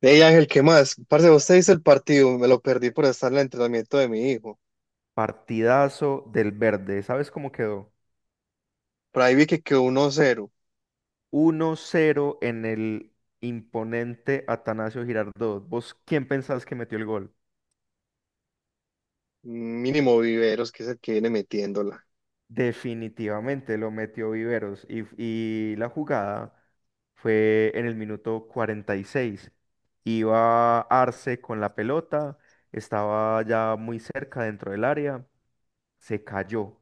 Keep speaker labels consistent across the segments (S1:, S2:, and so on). S1: Hey Ángel, ¿qué más? Parce, vos te viste el partido, me lo perdí por estar en el entrenamiento de mi hijo.
S2: Partidazo del Verde. ¿Sabes cómo quedó?
S1: Por ahí vi que quedó 1-0,
S2: 1-0 en el imponente Atanasio Girardot. ¿Vos quién pensás que metió el gol?
S1: mínimo Viveros, que es el que viene metiéndola.
S2: Definitivamente lo metió Viveros. Y la jugada fue en el minuto 46. Iba Arce con la pelota, estaba ya muy cerca dentro del área, se cayó,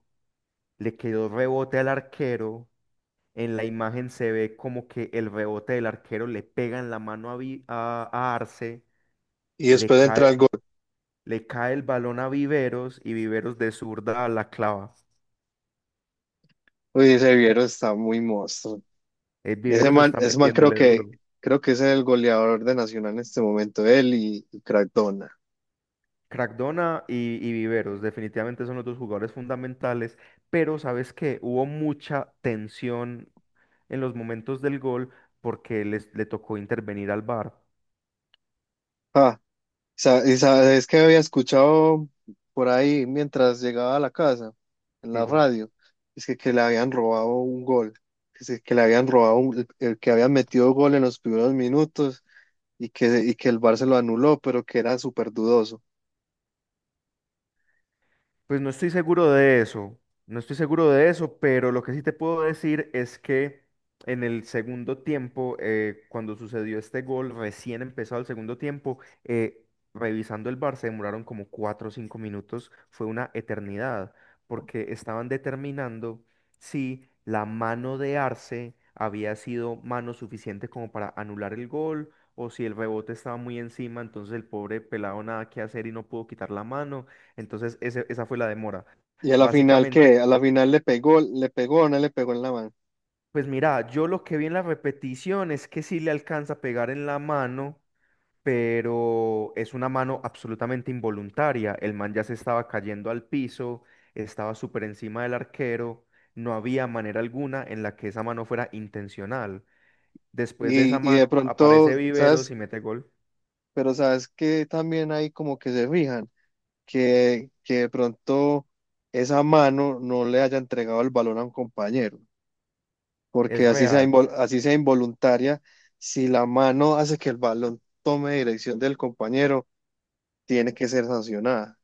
S2: le quedó rebote al arquero. En la imagen se ve como que el rebote del arquero le pega en la mano a, a Arce,
S1: Y
S2: le
S1: después de
S2: cae
S1: entrar
S2: el,
S1: el gol,
S2: le cae el balón a Viveros y Viveros de zurda la clava.
S1: uy, ese Viveros está muy monstruo.
S2: Viveros está
S1: Ese mal
S2: metiéndole duro.
S1: creo que es el goleador de Nacional en este momento, él y Crack Dona.
S2: Crackdona y Viveros definitivamente son los dos jugadores fundamentales, pero sabes que hubo mucha tensión en los momentos del gol porque le tocó intervenir al VAR.
S1: Y sabes que había escuchado por ahí mientras llegaba a la casa, en
S2: Sí.
S1: la radio, que le habían robado un gol, que le habían robado el que habían metido gol en los primeros minutos y que el Barça lo anuló, pero que era súper dudoso.
S2: Pues no estoy seguro de eso, no estoy seguro de eso, pero lo que sí te puedo decir es que en el segundo tiempo, cuando sucedió este gol, recién empezado el segundo tiempo, revisando el bar se demoraron como 4 o 5 minutos, fue una eternidad, porque estaban determinando si la mano de Arce había sido mano suficiente como para anular el gol, o si el rebote estaba muy encima, entonces el pobre pelado nada que hacer y no pudo quitar la mano. Entonces, esa fue la demora.
S1: Y a la final, ¿qué?
S2: Básicamente,
S1: A la final le pegó o no le pegó en la mano.
S2: pues mira, yo lo que vi en la repetición es que sí le alcanza a pegar en la mano, pero es una mano absolutamente involuntaria. El man ya se estaba cayendo al piso, estaba súper encima del arquero, no había manera alguna en la que esa mano fuera intencional. Después de esa
S1: Y
S2: mano
S1: de
S2: aparece
S1: pronto, ¿sabes?
S2: Viveros y mete gol.
S1: Pero sabes que también ahí como que se fijan, que de pronto esa mano no le haya entregado el balón a un compañero,
S2: Es
S1: porque así sea,
S2: real.
S1: así sea involuntaria, si la mano hace que el balón tome dirección del compañero, tiene que ser sancionada.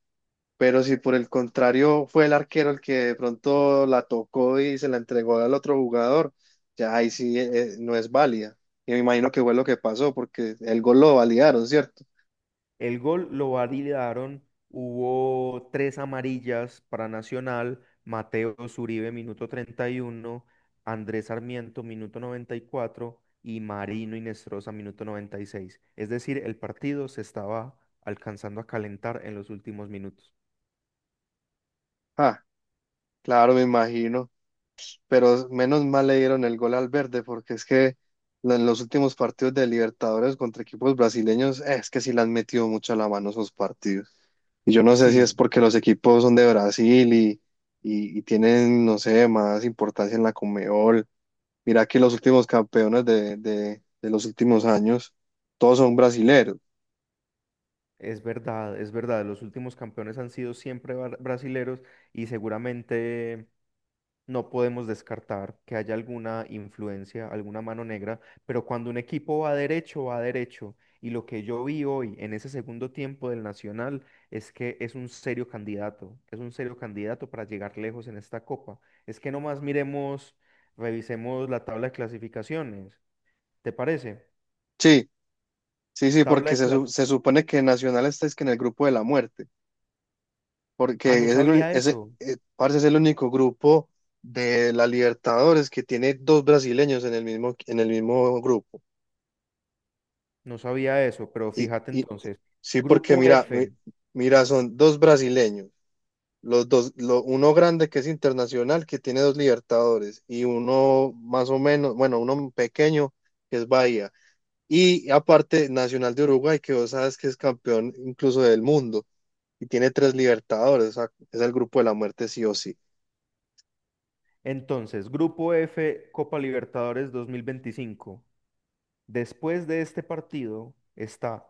S1: Pero si por el contrario fue el arquero el que de pronto la tocó y se la entregó al otro jugador, ya ahí sí no es válida. Y me imagino que fue lo que pasó, porque el gol lo validaron, ¿cierto?
S2: El gol lo validaron, hubo tres amarillas para Nacional, Mateo Zuribe, minuto 31, Andrés Sarmiento, minuto 94 y cuatro, y Marino Inestrosa, minuto 96. Es decir, el partido se estaba alcanzando a calentar en los últimos minutos.
S1: Ah, claro, me imagino. Pero menos mal le dieron el gol al verde, porque es que en los últimos partidos de Libertadores contra equipos brasileños, es que sí le han metido mucho a la mano esos partidos. Y yo no sé si es
S2: Sí,
S1: porque los equipos son de Brasil y tienen, no sé, más importancia en la Conmebol. Mira que los últimos campeones de los últimos años, todos son brasileros.
S2: es verdad, es verdad. Los últimos campeones han sido siempre brasileros y seguramente no podemos descartar que haya alguna influencia, alguna mano negra, pero cuando un equipo va derecho, va derecho. Y lo que yo vi hoy en ese segundo tiempo del Nacional es que es un serio candidato, es un serio candidato para llegar lejos en esta copa. Es que nomás miremos, revisemos la tabla de clasificaciones. ¿Te parece?
S1: Sí, sí, sí,
S2: Tabla
S1: porque
S2: de clas-
S1: se supone que Nacional está es que en el grupo de la muerte.
S2: Ah, no
S1: Porque es
S2: sabía eso,
S1: parce, es el único grupo de la Libertadores que tiene dos brasileños en el mismo grupo.
S2: no sabía eso, pero
S1: Y,
S2: fíjate
S1: y
S2: entonces.
S1: sí, porque
S2: Grupo F,
S1: mira, son dos brasileños, uno grande que es internacional, que tiene dos Libertadores, y uno más o menos, bueno, uno pequeño que es Bahía. Y aparte, Nacional de Uruguay, que vos sabes que es campeón incluso del mundo, y tiene tres Libertadores, o sea, es el grupo de la muerte sí o sí.
S2: entonces, Grupo F, Copa Libertadores 2025. Después de este partido está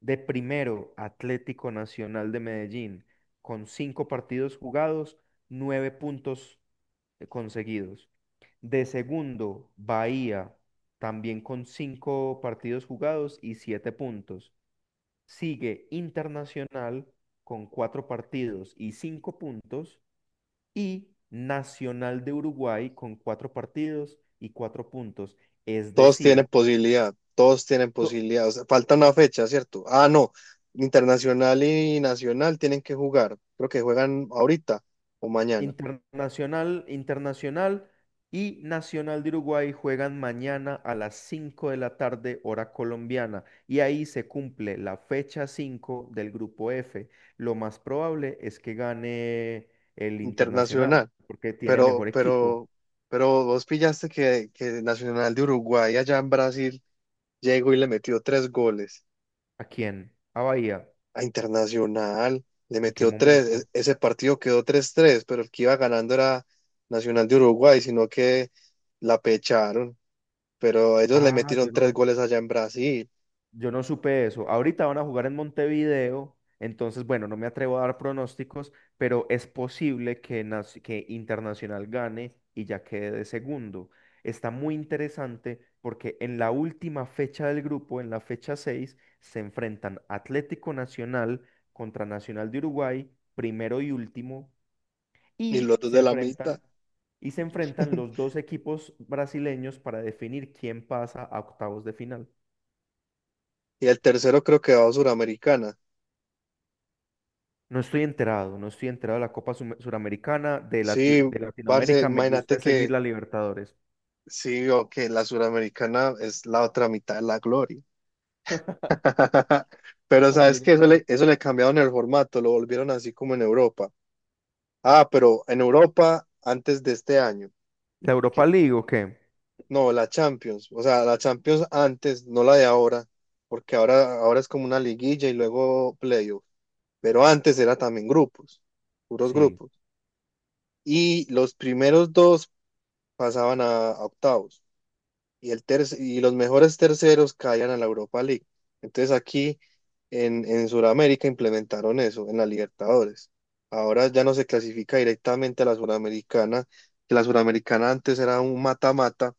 S2: de primero Atlético Nacional de Medellín, con cinco partidos jugados, nueve puntos conseguidos. De segundo, Bahía, también con cinco partidos jugados y siete puntos. Sigue Internacional con cuatro partidos y cinco puntos. Y Nacional de Uruguay con cuatro partidos y cuatro puntos. Es
S1: Todos tienen
S2: decir,
S1: posibilidad, todos tienen
S2: to-
S1: posibilidad. O sea, falta una fecha, ¿cierto? Ah, no. Internacional y nacional tienen que jugar. Creo que juegan ahorita o mañana.
S2: Internacional, Internacional y Nacional de Uruguay juegan mañana a las 5 de la tarde, hora colombiana, y ahí se cumple la fecha 5 del grupo F. Lo más probable es que gane el Internacional,
S1: Internacional.
S2: porque tiene
S1: Pero,
S2: mejor equipo.
S1: pero, pero vos pillaste que Nacional de Uruguay allá en Brasil llegó y le metió tres goles.
S2: ¿A quién? ¿A Bahía?
S1: A Internacional le
S2: ¿En qué
S1: metió tres.
S2: momento?
S1: Ese partido quedó tres tres, pero el que iba ganando era Nacional de Uruguay, sino que la pecharon. Pero ellos le
S2: Ah, yo
S1: metieron tres
S2: no.
S1: goles allá en Brasil
S2: Yo no supe eso. Ahorita van a jugar en Montevideo, entonces, bueno, no me atrevo a dar pronósticos, pero es posible que, Internacional gane y ya quede de segundo. Está muy interesante porque en la última fecha del grupo, en la fecha 6, se enfrentan Atlético Nacional contra Nacional de Uruguay, primero y último,
S1: y los
S2: y
S1: dos
S2: se
S1: de la mitad.
S2: enfrentan, y se enfrentan los dos equipos brasileños para definir quién pasa a octavos de final.
S1: Y el tercero creo que va a Suramericana.
S2: No estoy enterado, no estoy enterado de la Suramericana, de,
S1: Sí,
S2: de
S1: parce,
S2: Latinoamérica, me
S1: imagínate
S2: gusta seguir
S1: que
S2: la Libertadores.
S1: sí, o que la Suramericana es la otra mitad de la gloria. Pero sabes
S2: También
S1: que
S2: es cierto.
S1: eso le cambiaron el formato, lo volvieron así como en Europa. Ah, pero en Europa antes de este año.
S2: ¿La Europa League o qué?
S1: No, la Champions, o sea, la Champions antes, no la de ahora, porque ahora es como una liguilla y luego playoff. Pero antes era también grupos, puros
S2: Sí.
S1: grupos. Y los primeros dos pasaban a octavos y, y los mejores terceros caían a la Europa League. Entonces aquí en Sudamérica implementaron eso, en la Libertadores. Ahora ya no se clasifica directamente a la Suramericana, que la Suramericana antes era un mata-mata,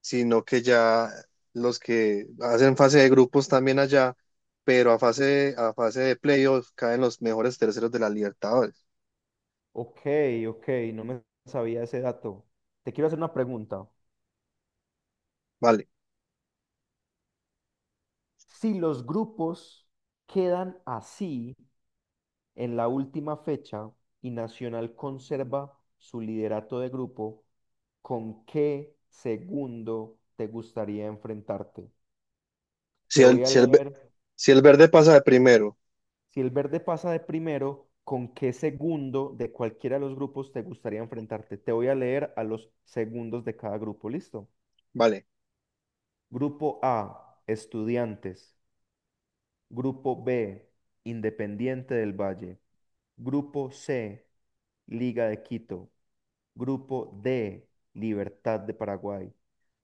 S1: sino que ya los que hacen fase de grupos también allá, pero a a fase de playoff caen los mejores terceros de la Libertadores.
S2: Ok, ok, no me sabía ese dato. Te quiero hacer una pregunta.
S1: Vale.
S2: Si los grupos quedan así en la última fecha y Nacional conserva su liderato de grupo, ¿con qué segundo te gustaría enfrentarte?
S1: Si
S2: Te
S1: el,
S2: voy a
S1: si el, ve-
S2: leer
S1: si el verde pasa de primero,
S2: Si el verde pasa de primero, ¿con qué segundo de cualquiera de los grupos te gustaría enfrentarte? Te voy a leer a los segundos de cada grupo, ¿listo?
S1: vale.
S2: Grupo A, estudiantes. Grupo B, Independiente del Valle. Grupo C, Liga de Quito. Grupo D, Libertad de Paraguay.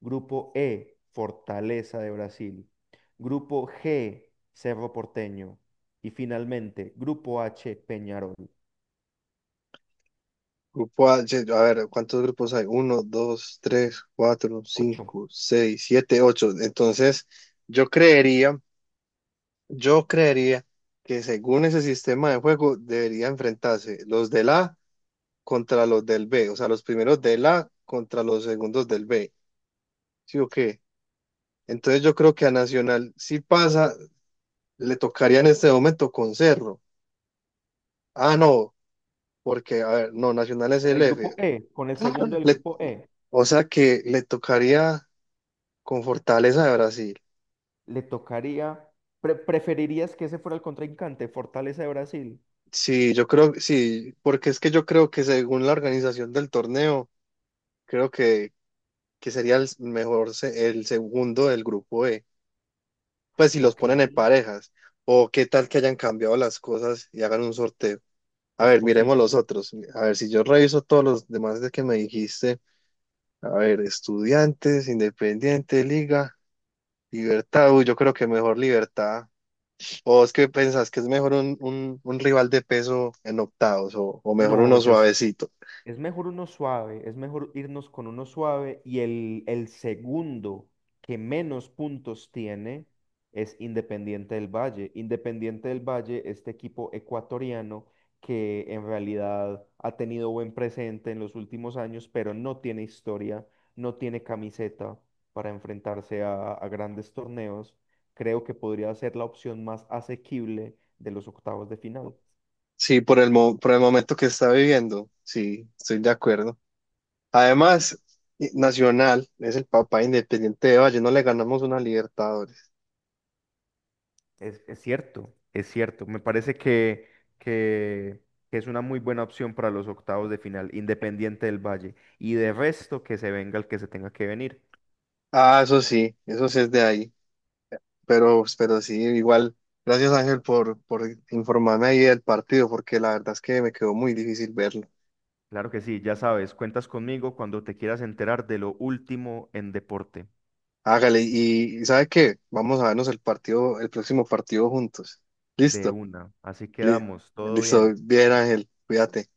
S2: Grupo E, Fortaleza de Brasil. Grupo G, Cerro Porteño. Y finalmente, Grupo H, Peñarol.
S1: Grupo A, a ver, ¿cuántos grupos hay? Uno, dos, tres, cuatro,
S2: Ocho.
S1: cinco, seis, siete, ocho. Entonces, yo creería, yo creería que según ese sistema de juego debería enfrentarse los del A contra los del B, o sea, los primeros del A contra los segundos del B. ¿Sí o qué? Entonces yo creo que a Nacional, si pasa, le tocaría en este momento con Cerro. Ah, no, porque, a ver, no, Nacional es
S2: Con
S1: el
S2: el grupo
S1: F.
S2: E, con el
S1: Ah,
S2: segundo
S1: bueno.
S2: del grupo E,
S1: O sea que le tocaría con Fortaleza de Brasil.
S2: le tocaría. ¿Preferirías que ese fuera el contrincante, Fortaleza de Brasil?
S1: Sí, yo creo, sí, porque es que yo creo que según la organización del torneo, creo que, que sería el segundo del grupo E. Pues si los
S2: Ok,
S1: ponen en parejas, o qué tal que hayan cambiado las cosas y hagan un sorteo. A
S2: es
S1: ver, miremos
S2: posible.
S1: los otros. A ver, si yo reviso todos los demás de que me dijiste, a ver, Estudiantes, Independiente, Liga, Libertad, uy, yo creo que mejor Libertad. ¿O es que pensás que es mejor un rival de peso en octavos o mejor
S2: No,
S1: uno
S2: yo
S1: suavecito?
S2: Es mejor uno suave, es mejor irnos con uno suave y el segundo que menos puntos tiene es Independiente del Valle. Independiente del Valle, este equipo ecuatoriano que en realidad ha tenido buen presente en los últimos años, pero no tiene historia, no tiene camiseta para enfrentarse a grandes torneos. Creo que podría ser la opción más asequible de los octavos de final.
S1: Sí, por por el momento que está viviendo. Sí, estoy de acuerdo. Además, Nacional es el papá de independiente de Valle. No le ganamos una Libertadores.
S2: Es cierto, es cierto. Me parece que, que es una muy buena opción para los octavos de final, Independiente del Valle. Y de resto, que se venga el que se tenga que venir.
S1: Ah, eso sí es de ahí. Igual. Gracias Ángel por informarme ahí del partido, porque la verdad es que me quedó muy difícil verlo.
S2: Claro que sí, ya sabes, cuentas conmigo cuando te quieras enterar de lo último en deporte,
S1: Hágale, y ¿sabe qué? Vamos a vernos el partido, el próximo partido juntos.
S2: de
S1: ¿Listo?
S2: una. Así
S1: Li-
S2: quedamos, todo
S1: Listo,
S2: bien.
S1: bien Ángel, cuídate.